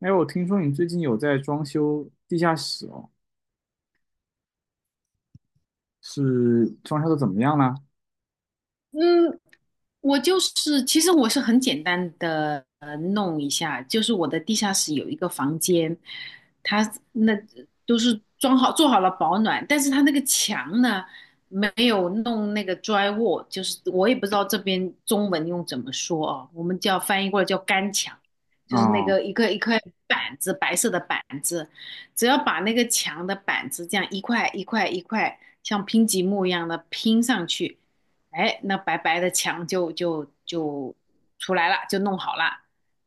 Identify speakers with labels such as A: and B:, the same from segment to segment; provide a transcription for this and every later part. A: 哎，我听说你最近有在装修地下室哦，是装修的怎么样呢？
B: 嗯，我就是，其实我是很简单的弄一下，就是我的地下室有一个房间，它那都是装好做好了保暖，但是它那个墙呢没有弄那个 drywall,就是我也不知道这边中文用怎么说啊，我们叫翻译过来叫干墙，就是那
A: 啊、
B: 个一个一块板子，白色的板子，只要把那个墙的板子这样一块一块一块像拼积木一样的拼上去。哎，那白白的墙就出来了，就弄好了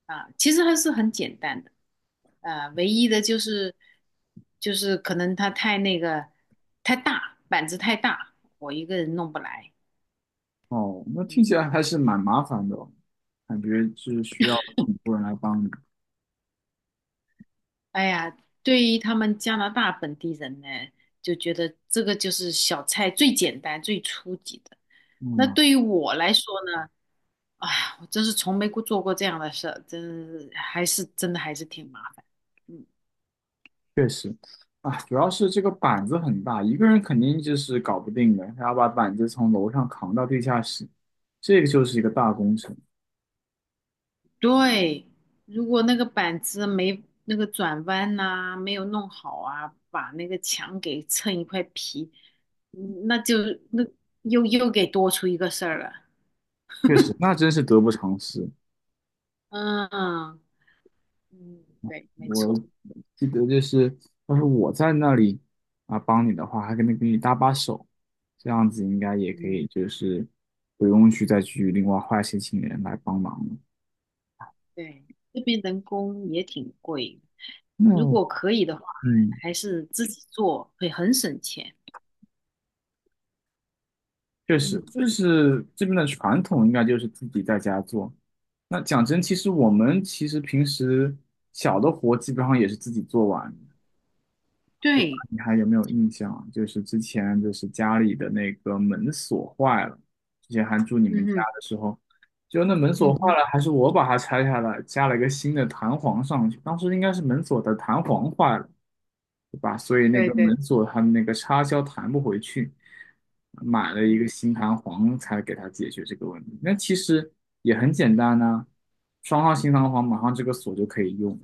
B: 啊。其实还是很简单的，唯一的就是可能它太那个太大，板子太大，我一个人弄不来。
A: 哦，那听
B: 嗯，
A: 起来还是蛮麻烦的哦，感觉是需要很多人来帮你。
B: 哎呀，对于他们加拿大本地人呢，就觉得这个就是小菜最简单、最初级的。那
A: 嗯，
B: 对于我来说呢，哎呀，我真是从没过做过这样的事儿，真是还是真的还是挺麻烦。嗯，
A: 确实，啊，主要是这个板子很大，一个人肯定就是搞不定的，还要把板子从楼上扛到地下室，这个就是一个大工程。
B: 对，如果那个板子没那个转弯呐、没有弄好啊，把那个墙给蹭一块皮，嗯那就那又给多出一个事儿了。
A: 确实，那真是得不偿失。
B: 嗯嗯，对，没
A: 我
B: 错。
A: 记得就是，要是我在那里啊帮你的话，还可能给你搭把手，这样子应该也可
B: 嗯，
A: 以，就是不用去再去另外花一些请人来帮忙了。
B: 对，这边人工也挺贵，如
A: 那
B: 果可以的话，
A: 嗯，
B: 还是自己做会很省钱。
A: 确实，
B: 嗯，
A: 就是这边的传统应该就是自己在家做。那讲真，其实我们其实平时小的活基本上也是自己做完，
B: 对，
A: 你还有没有印象啊？就是之前就是家里的那个门锁坏了，之前还住你们
B: 嗯
A: 家
B: 哼，
A: 的时候，就那门锁
B: 嗯
A: 坏
B: 哼，
A: 了，还是我把它拆下来，加了一个新的弹簧上去。当时应该是门锁的弹簧坏了，对吧？所以那
B: 对
A: 个
B: 对，
A: 门锁它的那个插销弹不回去，买了一个
B: 嗯
A: 新弹簧才给它解决这个问题。那其实也很简单呐、装上新弹簧，马上这个锁就可以用。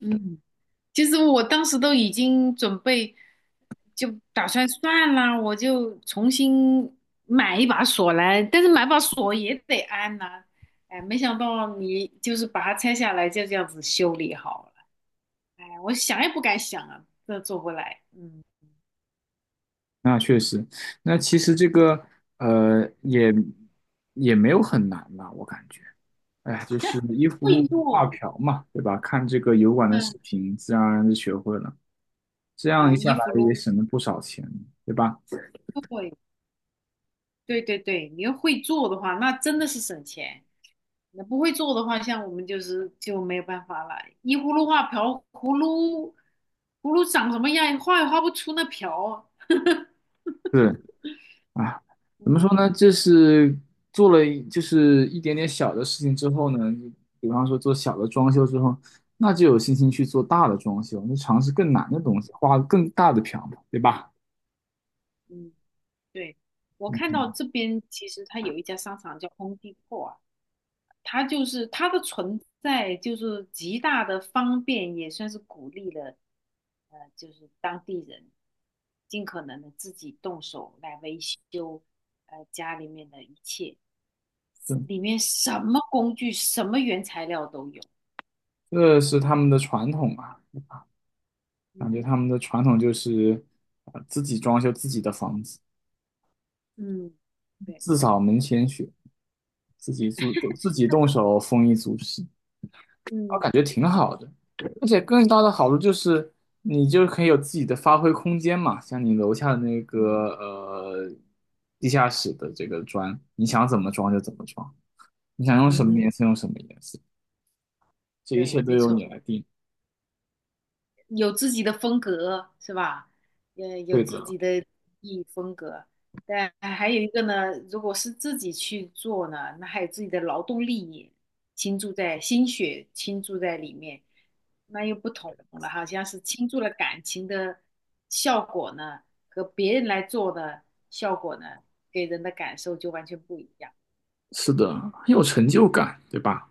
B: 嗯，其实我当时都已经准备，就打算算了，我就重新买一把锁来，但是买把锁也得安呐、哎，没想到你就是把它拆下来，就这样子修理好了，哎，我想也不敢想啊，这做不来，嗯。
A: 那确实，那其实这个呃也也没有很难吧，我感觉，哎，就是依 葫
B: 会
A: 芦画
B: 做，
A: 瓢嘛，对吧？看这个油管的
B: 嗯
A: 视频，自然而然就学会了，这样
B: 啊，
A: 一下
B: 衣
A: 来
B: 服
A: 也
B: 咯，
A: 省了不少钱，对吧？
B: 对对对对，你要会做的话，那真的是省钱。那不会做的话，像我们就是就没有办法了。依葫芦画瓢，葫芦长什么样，画也画不出那瓢。
A: 是啊，怎么
B: 嗯
A: 说呢？这是做了一就是一点点小的事情之后呢，比方说做小的装修之后，那就有信心去做大的装修，那尝试更难的东西，画更大的瓢嘛，对吧？
B: 嗯，对，我看
A: 嗯
B: 到这边其实它有一家商场叫空地 m 啊，它它的存在，就是极大的方便，也算是鼓励了，就是当地人尽可能的自己动手来维修，家里面的一切，
A: 对。
B: 里面什么工具、什么原材料都有。
A: 这是他们的传统吧？
B: 嗯，
A: 感觉他们的传统就是啊、自己装修自己的房子，
B: 嗯对，
A: 自扫门前雪，自己做自己动手丰衣足食，我
B: 嗯。
A: 感觉挺好的。而且更大的好处就是，你就可以有自己的发挥空间嘛。像你楼下的那
B: 嗯，
A: 个地下室的这个砖，你想怎么装就怎么装，你想用什么
B: 嗯
A: 颜色用什么颜色，这一
B: 对，
A: 切都
B: 没
A: 由你
B: 错。
A: 来定。
B: 有自己的风格是吧？有
A: 对的，
B: 自己的艺风格，但还有一个呢，如果是自己去做呢，那还有自己的劳动力倾注在心血倾注在里面，那又不同了，好像是倾注了感情的效果呢，和别人来做的效果呢，给人的感受就完全不一样。
A: 是的，很有成就感，对吧？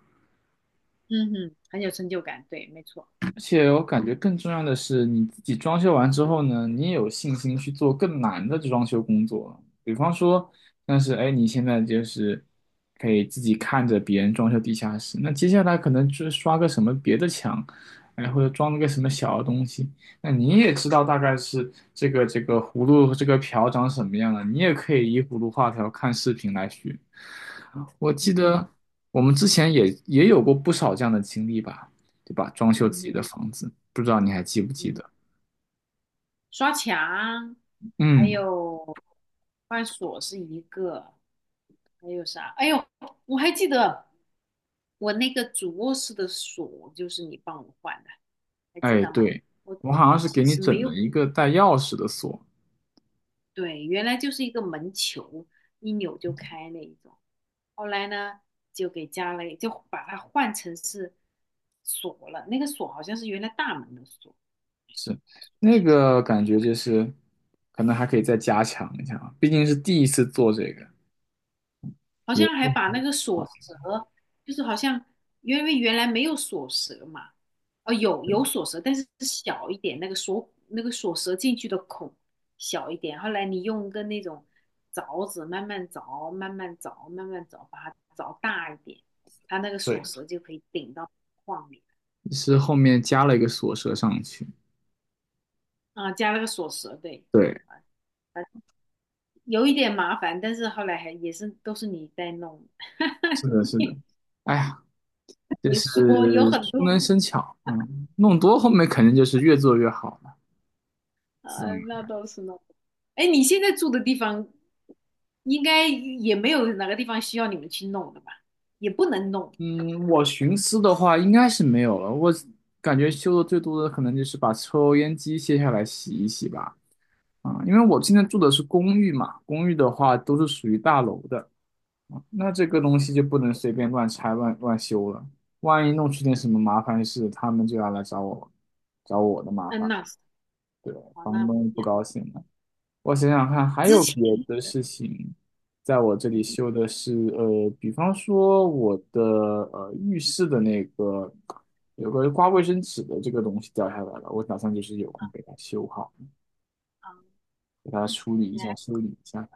B: 嗯哼，很有成就感，对，没错。
A: 而且我感觉更重要的是，你自己装修完之后呢，你也有信心去做更难的装修工作了比方说，但是哎，你现在就是可以自己看着别人装修地下室，那接下来可能就是刷个什么别的墙，哎，或者装了个什么小的东西，那你也知道大概是这个葫芦这个瓢长什么样了，你也可以依葫芦画瓢看视频来学。我记
B: 嗯
A: 得我们之前也有过不少这样的经历吧。对吧？装修
B: 嗯
A: 自己
B: 哼
A: 的房子，不知道你还记不记
B: 嗯
A: 得？
B: 哼。刷墙，还
A: 嗯，
B: 有换锁是一个，还有啥？哎呦，我还记得我那个主卧室的锁就是你帮我换的，还记
A: 哎，
B: 得吗？
A: 对，
B: 我
A: 我好像
B: 我
A: 是给
B: 只
A: 你
B: 是没
A: 整了
B: 有，
A: 一个带钥匙的锁，
B: 对，原来就是一个门球，一扭就开那一种。后来呢，就给加了，就把它换成是锁了。那个锁好像是原来大门的锁，
A: 是那
B: 起来。
A: 个感觉就是可能还可以再加强一下啊，毕竟是第一次做这个，
B: 好
A: 也
B: 像还把那个锁舌，就是好像因为原来没有锁舌嘛，哦，有锁舌，但是是小一点，那个锁舌进去的孔小一点。后来你用个那种凿子慢慢凿，慢慢凿，慢慢凿，把它凿大一点，它那个锁
A: 对，
B: 舌就可以顶到框里
A: 是后面加了一个锁舌上去。
B: 啊，加了个锁舌，对。
A: 对，
B: 啊，啊有一点麻烦，但是后来还也是都是你在弄，
A: 是的，是的。哎呀，就
B: 你说有
A: 是熟
B: 很多。
A: 能生巧，嗯，弄多后面肯定就是越做越好了。
B: 啊，那倒是呢。哎，你现在住的地方应该也没有哪个地方需要你们去弄的吧？也不能弄。
A: 嗯，我寻思的话应该是没有了。我感觉修的最多的可能就是把抽烟机卸下来洗一洗吧。啊、因为我现在住的是公寓嘛，公寓的话都是属于大楼的，啊那这个
B: 嗯，
A: 东西就不能随便乱拆乱修了。万一弄出点什么麻烦事，他们就要来找我，找我的麻
B: 嗯，
A: 烦，
B: 那是
A: 对，
B: 哦，
A: 房
B: 那不
A: 东
B: 一
A: 不
B: 样。
A: 高兴了。我想想看，还
B: 之
A: 有
B: 前，
A: 别的事情，在我这里
B: 嗯，
A: 修的是，比方说我的浴室的那个有个刮卫生纸的这个东西掉下来了，我打算就是有空给它修好，
B: 啊，
A: 给它处理一下，
B: 那
A: 修理一下。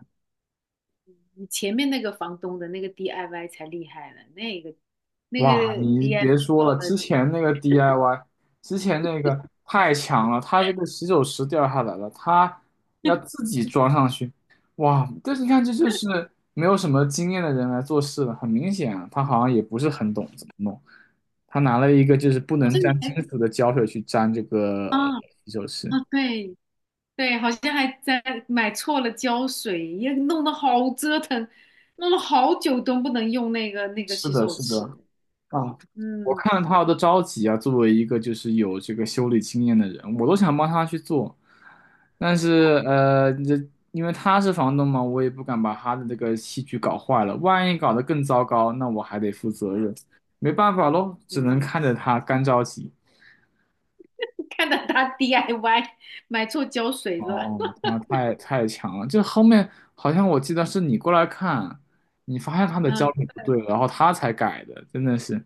B: 你前面那个房东的那个 DIY 才厉害呢，那个那
A: 哇，
B: 个
A: 你
B: DIY
A: 别说
B: 做
A: 了，
B: 的，
A: 之前那个 DIY，之前那个太强了，它这个洗手池掉下来了，它要 自己装上去，哇！但是你看，这就是没有什么经验的人来做事了，很明显啊，他好像也不是很懂怎么弄，他拿了一个就是不
B: 好
A: 能
B: 像你
A: 沾金
B: 还
A: 属的胶水去粘这个
B: 啊
A: 洗手池。
B: 啊，对对，好像还在买错了胶水，也弄得好折腾，弄了好久都不能用那个
A: 是
B: 洗
A: 的，
B: 手
A: 是的，
B: 池。
A: 啊，我
B: 嗯，
A: 看他的着急啊，作为一个就是有这个修理经验的人，我都想帮他去做，但是这因为他是房东嘛，我也不敢把他的这个器具搞坏了，万一搞得更糟糕，那我还得负责任，没办法喽，只
B: 嗯，
A: 能看着他干着急。
B: 看到他 DIY 买错胶水了，
A: 哦，他太强了，这后面好像我记得是你过来看，你发现他 的焦
B: 嗯，
A: 点不对了然后他才改的，真的是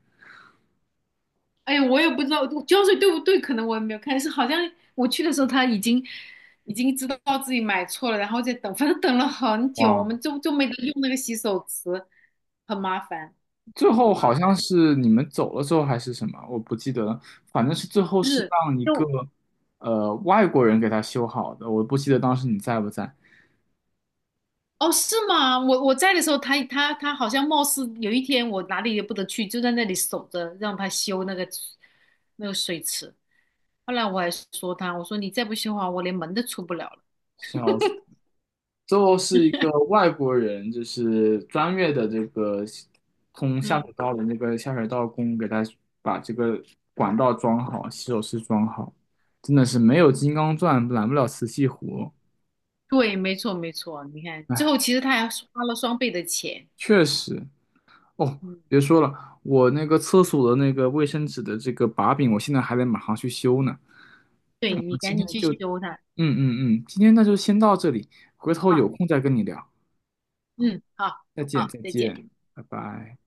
B: 哎呀，我也不知道胶水对不对，可能我也没有看，是好像我去的时候他已经知道自己买错了，然后在等，反正等了很久，我
A: 哇，
B: 们就没得用那个洗手池，很麻烦，
A: 最
B: 很
A: 后
B: 麻
A: 好像
B: 烦。
A: 是你们走了之后还是什么，我不记得了，反正是最后是
B: 是，
A: 让一个
B: 就
A: 外国人给他修好的，我不记得当时你在不在，
B: 哦，是吗？我在的时候，他好像貌似有一天我哪里也不得去，就在那里守着让他修那个水池。后来我还说他，我说你再不修好，我连门都出不了了。
A: 笑死。最后是一个外国人，就是专业的这个通下水
B: 嗯，
A: 道的那个下水道工给他把这个管道装好，洗手池装好，真的是没有
B: 嗯
A: 金刚钻揽不了瓷器活，
B: 对，没错没错，你看最后其实他还花了双倍的钱。
A: 确
B: 嗯
A: 实。哦，
B: 嗯，
A: 别说了，我那个厕所的那个卫生纸的这个把柄，我现在还得马上去修呢。我
B: 对你
A: 们今
B: 赶
A: 天
B: 紧去
A: 就，
B: 修它
A: 今天那就先到这里，回头
B: 啊。
A: 有空再跟你聊，
B: 嗯，好
A: 再见
B: 好，
A: 再
B: 再见。
A: 见，拜拜。